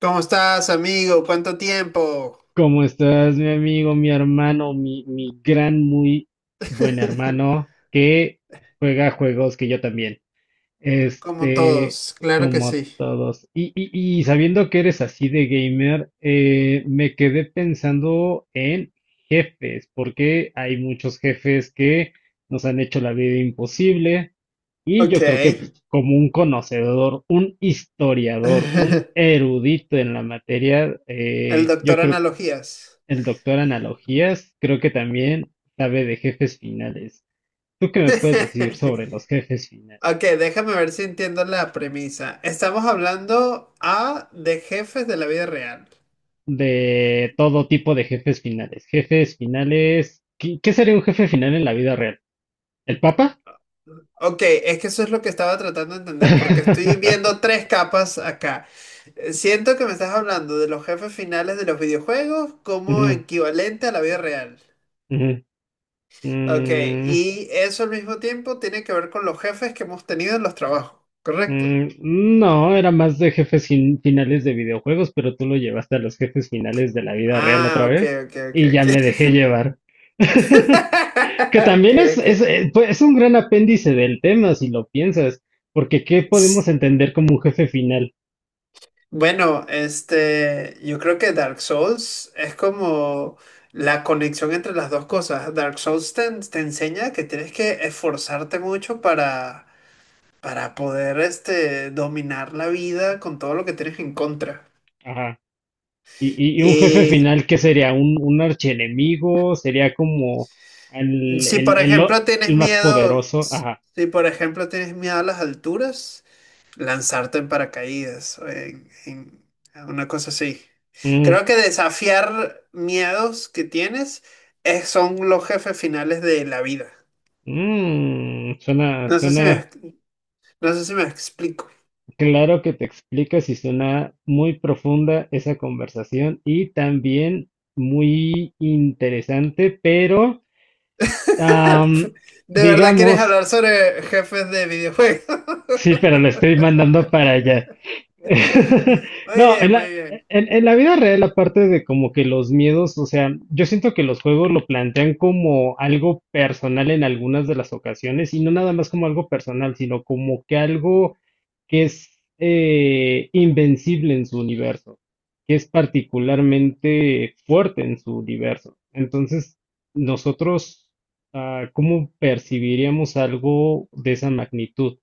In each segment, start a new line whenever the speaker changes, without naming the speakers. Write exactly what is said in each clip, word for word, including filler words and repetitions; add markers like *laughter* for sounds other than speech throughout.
¿Cómo estás, amigo? ¿Cuánto tiempo?
¿Cómo estás, mi amigo, mi hermano, mi, mi gran, muy buen
*laughs*
hermano que juega juegos que yo también?
Como
Este,
todos, claro que
Como
sí.
todos. Y, y, y sabiendo que eres así de gamer, eh, me quedé pensando en jefes, porque hay muchos jefes que nos han hecho la vida imposible. Y
Ok.
yo creo que pues, como un conocedor, un historiador, un
*laughs*
erudito en la materia,
El
eh, yo
doctor
creo
Analogías.
el doctor Analogías creo que también sabe de jefes finales. ¿Tú qué me puedes decir
*laughs*
sobre los jefes finales?
Ok, déjame ver si entiendo la premisa. Estamos hablando A de jefes de la vida real.
De todo tipo de jefes finales. Jefes finales. ¿Qué, qué sería un jefe final en la vida real? ¿El Papa?
Ok, es que eso es lo que estaba tratando de entender, porque estoy viendo
*laughs*
tres capas acá. Eh, Siento que me estás hablando de los jefes finales de los videojuegos como
Ujú,
equivalente a la vida real.
ujú.
Ok,
Mm,
y eso al mismo tiempo tiene que ver con los jefes que hemos tenido en los trabajos, ¿correcto?
mm, no, era más de jefes fin- finales de videojuegos, pero tú lo llevaste a los jefes finales de la vida real otra
Ah, ok,
vez
ok, ok,
y ya me
ok. *laughs*
dejé llevar. *laughs* Que
Ok,
también es,
ok.
es, eh, pues, es un gran apéndice del tema, si lo piensas, porque ¿qué
S-
podemos entender como un jefe final?
Bueno, este, yo creo que Dark Souls es como la conexión entre las dos cosas. Dark Souls te, en- te enseña que tienes que esforzarte mucho para, para poder, este, dominar la vida con todo lo que tienes en contra.
Ajá. Y, y- y un jefe
Y
final, ¿qué sería? ¿Un, un archienemigo? ¿Sería como el,
si
el,
por
el lo-
ejemplo
el
tienes
más
miedo,
poderoso? Ajá.
si por ejemplo tienes miedo a las alturas, lanzarte en paracaídas o en, en una cosa así.
Mm,
Creo que desafiar miedos que tienes es- son los jefes finales de la vida.
mm, suena,
No sé si me,
suena
no sé si me explico.
claro que te explicas y suena muy profunda esa conversación y también muy interesante, pero am,
*laughs* ¿De verdad quieres
digamos.
hablar sobre jefes de videojuegos? *laughs*
Sí, pero lo estoy mandando para allá. *laughs*
Muy
No, en
bien,
la,
muy bien.
en, en la vida real, aparte de como que los miedos, o sea, yo siento que los juegos lo plantean como algo personal en algunas de las ocasiones, y no nada más como algo personal, sino como que algo que es eh, invencible en su universo, que es particularmente fuerte en su universo. Entonces, nosotros, ah, ¿cómo percibiríamos algo de esa magnitud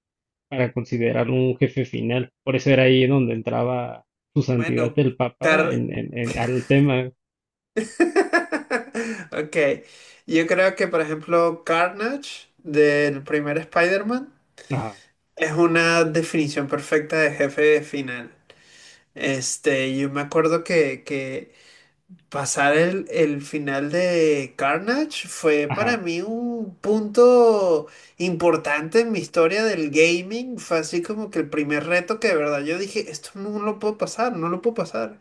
para considerarlo un jefe final? Por eso era ahí donde entraba su santidad
Bueno,
el Papa en,
Car-
en- en- al tema.
*laughs* Ok, yo creo que por ejemplo Carnage del primer Spider-Man
Ajá,
es una definición perfecta de jefe final. Este, yo me acuerdo que, que pasar el, el final de Carnage fue para
ajá,
mí un punto importante en mi historia del gaming. Fue así como que el primer reto que de verdad yo dije, esto no lo puedo pasar, no lo puedo pasar.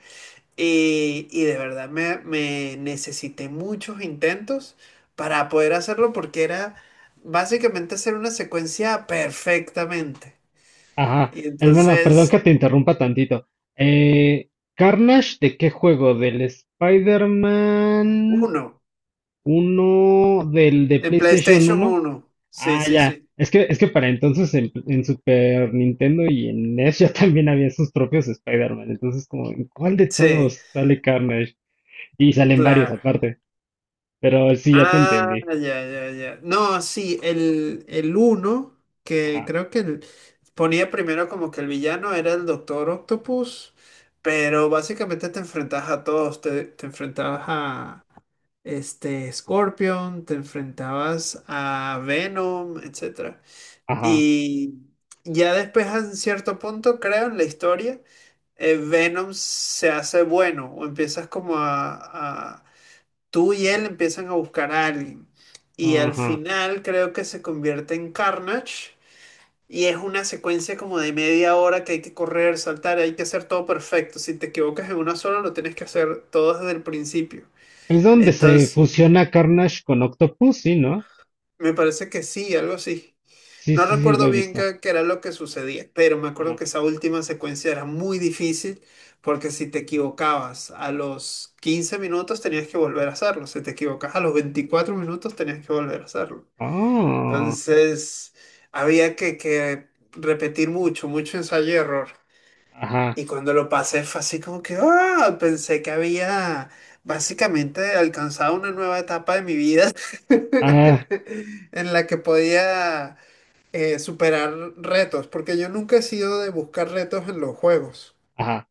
Y, y de verdad me, me necesité muchos intentos para poder hacerlo porque era básicamente hacer una secuencia perfectamente.
ajá.
Y
Hermano, perdón
entonces,
que te interrumpa tantito. Eh, ¿Carnage de qué juego? ¿Del Spider-Man
uno,
uno? ¿Del de
en
PlayStation
PlayStation
uno?
uno Sí,
Ah,
sí,
ya.
sí.
Es que, es que para entonces en, en Super Nintendo y en NES ya también había sus propios Spider-Man. Entonces, como, ¿en cuál de
Sí,
todos sale Carnage? Y salen varios
claro.
aparte. Pero sí, ya te
Ah,
entendí.
ya, ya, ya. No, sí, el, el uno, que
Ajá,
creo que el- ponía primero como que el villano era el Doctor Octopus, pero básicamente te enfrentabas a todos, te, te enfrentabas a, este Scorpion, te enfrentabas a Venom, etcétera.
ajá,
Y ya después a un cierto punto, creo, en la historia, eh, Venom se hace bueno o empiezas como a, a- tú y él empiezan a buscar a alguien. Y al
ajá.
final creo que se convierte en Carnage. Y es una secuencia como de media hora que hay que correr, saltar, hay que hacer todo perfecto. Si te equivocas en una sola, lo tienes que hacer todo desde el principio.
Es donde se
Entonces,
fusiona Carnage con Octopus, sí, ¿no?
me parece que sí, algo así.
Sí,
No
sí, sí, lo
recuerdo
he
bien
visto.
qué, qué era lo que sucedía, pero me acuerdo
Ajá.
que esa última secuencia era muy difícil porque si te equivocabas a los quince minutos tenías que volver a hacerlo, si te equivocabas a los veinticuatro minutos tenías que volver a hacerlo.
Ah,
Entonces había que, que repetir mucho, mucho ensayo y error.
ajá,
Y cuando lo pasé fue así como que, ah, pensé que había básicamente alcanzado una nueva etapa de mi vida
ah,
*laughs* en la que podía eh, superar retos, porque yo nunca he sido de buscar retos en los juegos.
ajá.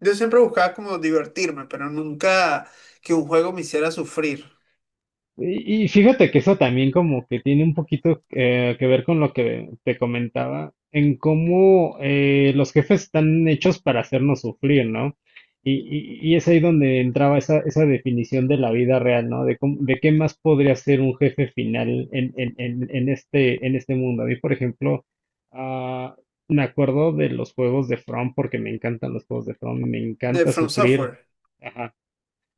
Yo siempre buscaba como divertirme, pero nunca que un juego me hiciera sufrir.
y- y fíjate que eso también como que tiene un poquito eh, que ver con lo que te comentaba, en cómo eh, los jefes están hechos para hacernos sufrir, ¿no? Y, y- y es ahí donde entraba esa, esa definición de la vida real, ¿no? De, cómo- de qué más podría ser un jefe final en, en, en, en este, en este mundo. A mí, por ejemplo, ah, me acuerdo de los juegos de From porque me encantan los juegos de From, me
De
encanta
From
sufrir
Software.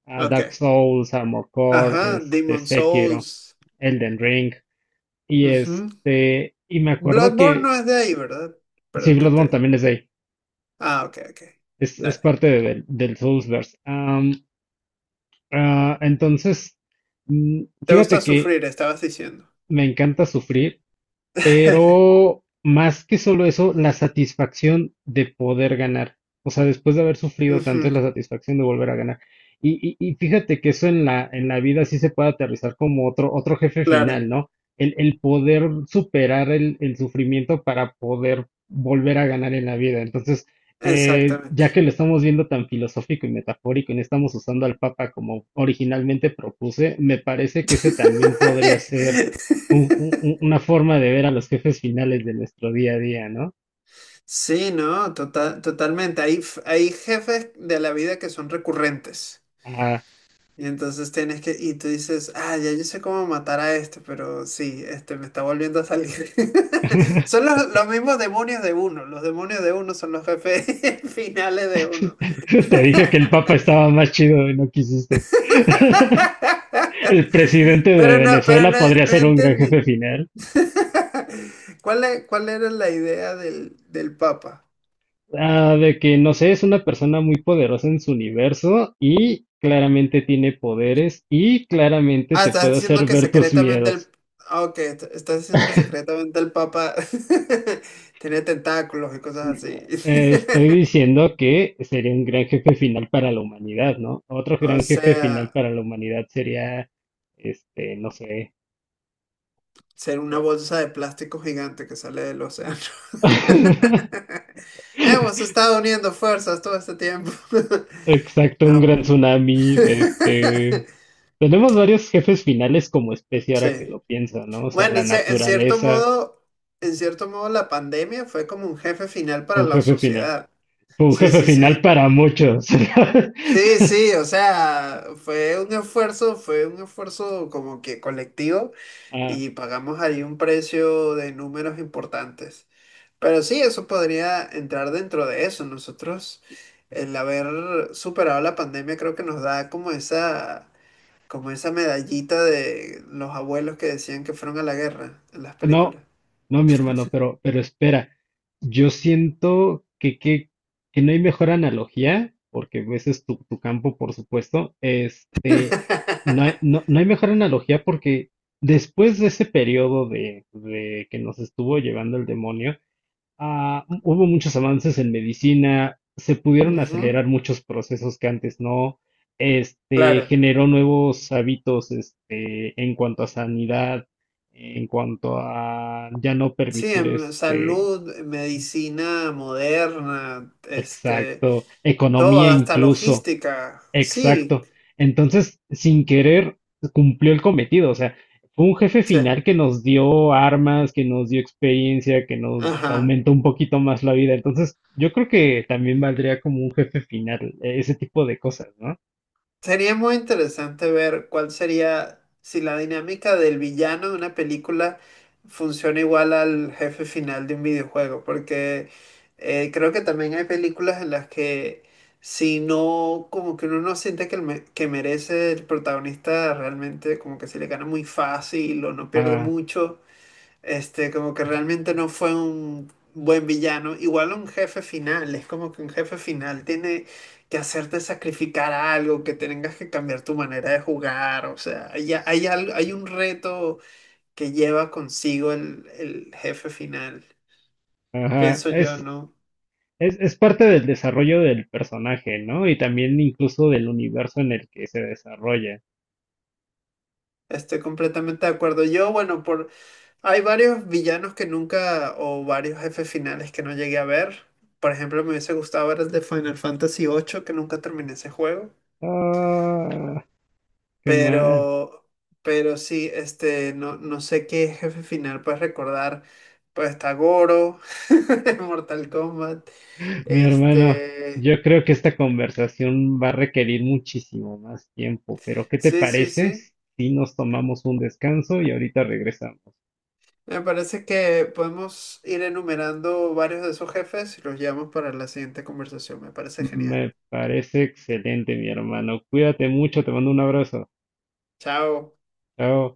a Dark
Ok.
Souls, Armor Core,
Ajá,
este,
Demon
Sekiro,
Souls.
Elden Ring. Y
Ujú.
este, y me acuerdo
Bloodborne
que,
no es de ahí, ¿verdad?
sí,
Perdón que
Bloodborne
te...
también es de ahí,
Ah, ok, ok.
es, es
Dale.
parte de- del, del Soulsverse. Am, ah, entonces, mm,
Te gusta
fíjate que
sufrir, estabas diciendo.
me encanta sufrir.
*laughs*
Pero más que solo eso, la satisfacción de poder ganar. O sea, después de haber sufrido tanto,
Ujú,
es la satisfacción de volver a ganar. Y, y- y fíjate que eso en la, en la vida sí se puede aterrizar como otro, otro jefe
claro,
final, ¿no? El, el poder superar el, el sufrimiento para poder volver a ganar en la vida. Entonces, eh, ya
exactamente.
que lo estamos viendo tan filosófico y metafórico y no estamos usando al Papa como originalmente propuse, me parece que ese también podría ser un- un- un-
*laughs*
una forma de ver a los jefes finales de nuestro día a día, ¿no?
Sí, no, total, totalmente. Hay, f- hay jefes de la vida que son recurrentes.
Ah,
Y entonces tienes que, y tú dices, ah, ya yo sé cómo matar a este, pero sí, este me está volviendo a salir. *laughs* Son
*laughs*
los, los mismos demonios de uno. Los demonios de uno son los jefes *laughs* finales de uno.
te dije que el Papa estaba más chido y no quisiste. *laughs* El presidente
*laughs*
de
Pero no, pero
Venezuela
no,
podría
no
ser un gran jefe
entendí.
final.
*laughs* ¿Cuál, e- cuál era la idea del, del Papa?
Ah, de que, no sé, es una persona muy poderosa en su universo y claramente tiene poderes y claramente
Ah,
te
estás
puede
diciendo
hacer
que
ver tus
secretamente el...
miedos.
Ah, ok, est- estás diciendo que secretamente el Papa *laughs* tenía tentáculos y cosas así.
Eh, estoy
*laughs*
diciendo que sería un gran jefe final para la humanidad, ¿no? Otro
O
gran jefe final
sea,
para la humanidad sería, este, no sé.
ser una bolsa de plástico gigante que sale del océano.
*laughs*
*laughs* Hemos estado uniendo fuerzas todo este tiempo. *laughs*
Exacto, un
No.
gran
*laughs*
tsunami. Este, tenemos varios jefes finales como especie ahora que
Sí.
lo pienso, ¿no? O sea,
Bueno,
la
en, cier- en cierto
naturaleza
modo, en cierto modo la pandemia fue como un jefe final
fue
para
un
la
jefe final.
sociedad.
Fue un
Sí,
jefe
sí,
final
sí.
para muchos. *laughs*
Sí, sí, o sea, fue un esfuerzo, fue un esfuerzo como que colectivo
Ah,
y pagamos ahí un precio de números importantes. Pero sí, eso podría entrar dentro de eso. Nosotros, el haber superado la pandemia, creo que nos da como esa, como esa medallita de los abuelos que decían que fueron a la guerra en las
no,
películas.
no, mi hermano, pero, pero espera. Yo siento que, que, que no hay mejor analogía, porque pues, ese es tu, tu campo, por supuesto. Este, no hay, no,
*laughs*
no hay mejor analogía porque después de ese periodo de, de que nos estuvo llevando el demonio, Ah, hubo muchos avances en medicina, se pudieron
Ujú,
acelerar muchos procesos que antes no, este,
claro.
generó nuevos hábitos, este, en cuanto a sanidad, en cuanto a ya no
Sí,
permitir,
em,
este,
salud, eh, medicina moderna, este,
exacto,
todo,
economía
hasta
incluso.
logística. Sí,
Exacto. Entonces, sin querer, cumplió el cometido. O sea, fue un jefe
sí.
final que nos dio armas, que nos dio experiencia, que nos
Ajá.
aumentó un poquito más la vida. Entonces, yo creo que también valdría como un jefe final, eh, ese tipo de cosas, ¿no?
Sería muy interesante ver cuál sería, si la dinámica del villano de una película funciona igual al jefe final de un videojuego, porque eh, creo que también hay películas en las que si no, como que uno no siente que, el me- que merece el protagonista realmente, como que se le gana muy fácil o no pierde
Ah,
mucho. Este, como que realmente no fue un buen villano. Igual un jefe final, es como que un jefe final tiene que hacerte sacrificar algo, que tengas que cambiar tu manera de jugar. O sea, hay, hay algo, hay un reto que lleva consigo el, el jefe final.
ajá.
Pienso yo,
Es,
¿no?
es, es parte del desarrollo del personaje, ¿no? Y también incluso del universo en el que se desarrolla.
Estoy completamente de acuerdo. Yo, bueno, por hay varios villanos que nunca, o varios jefes finales que no llegué a ver. Por ejemplo, me hubiese gustado ver el de Final Fantasy ocho que nunca terminé ese juego.
Ah, qué mal.
Pero, pero sí, este, no, no sé qué jefe final puedes recordar. Pues está Goro, *laughs* en Mortal Kombat.
Mi hermano,
Este,
yo creo que esta conversación va a requerir muchísimo más tiempo, pero ¿qué te
sí, sí,
parece
sí.
si nos tomamos un descanso y ahorita regresamos?
Me parece que podemos ir enumerando varios de esos jefes y los llevamos para la siguiente conversación. Me parece genial.
Me parece excelente, mi hermano. Cuídate mucho, te mando un abrazo.
Chao.
Chao.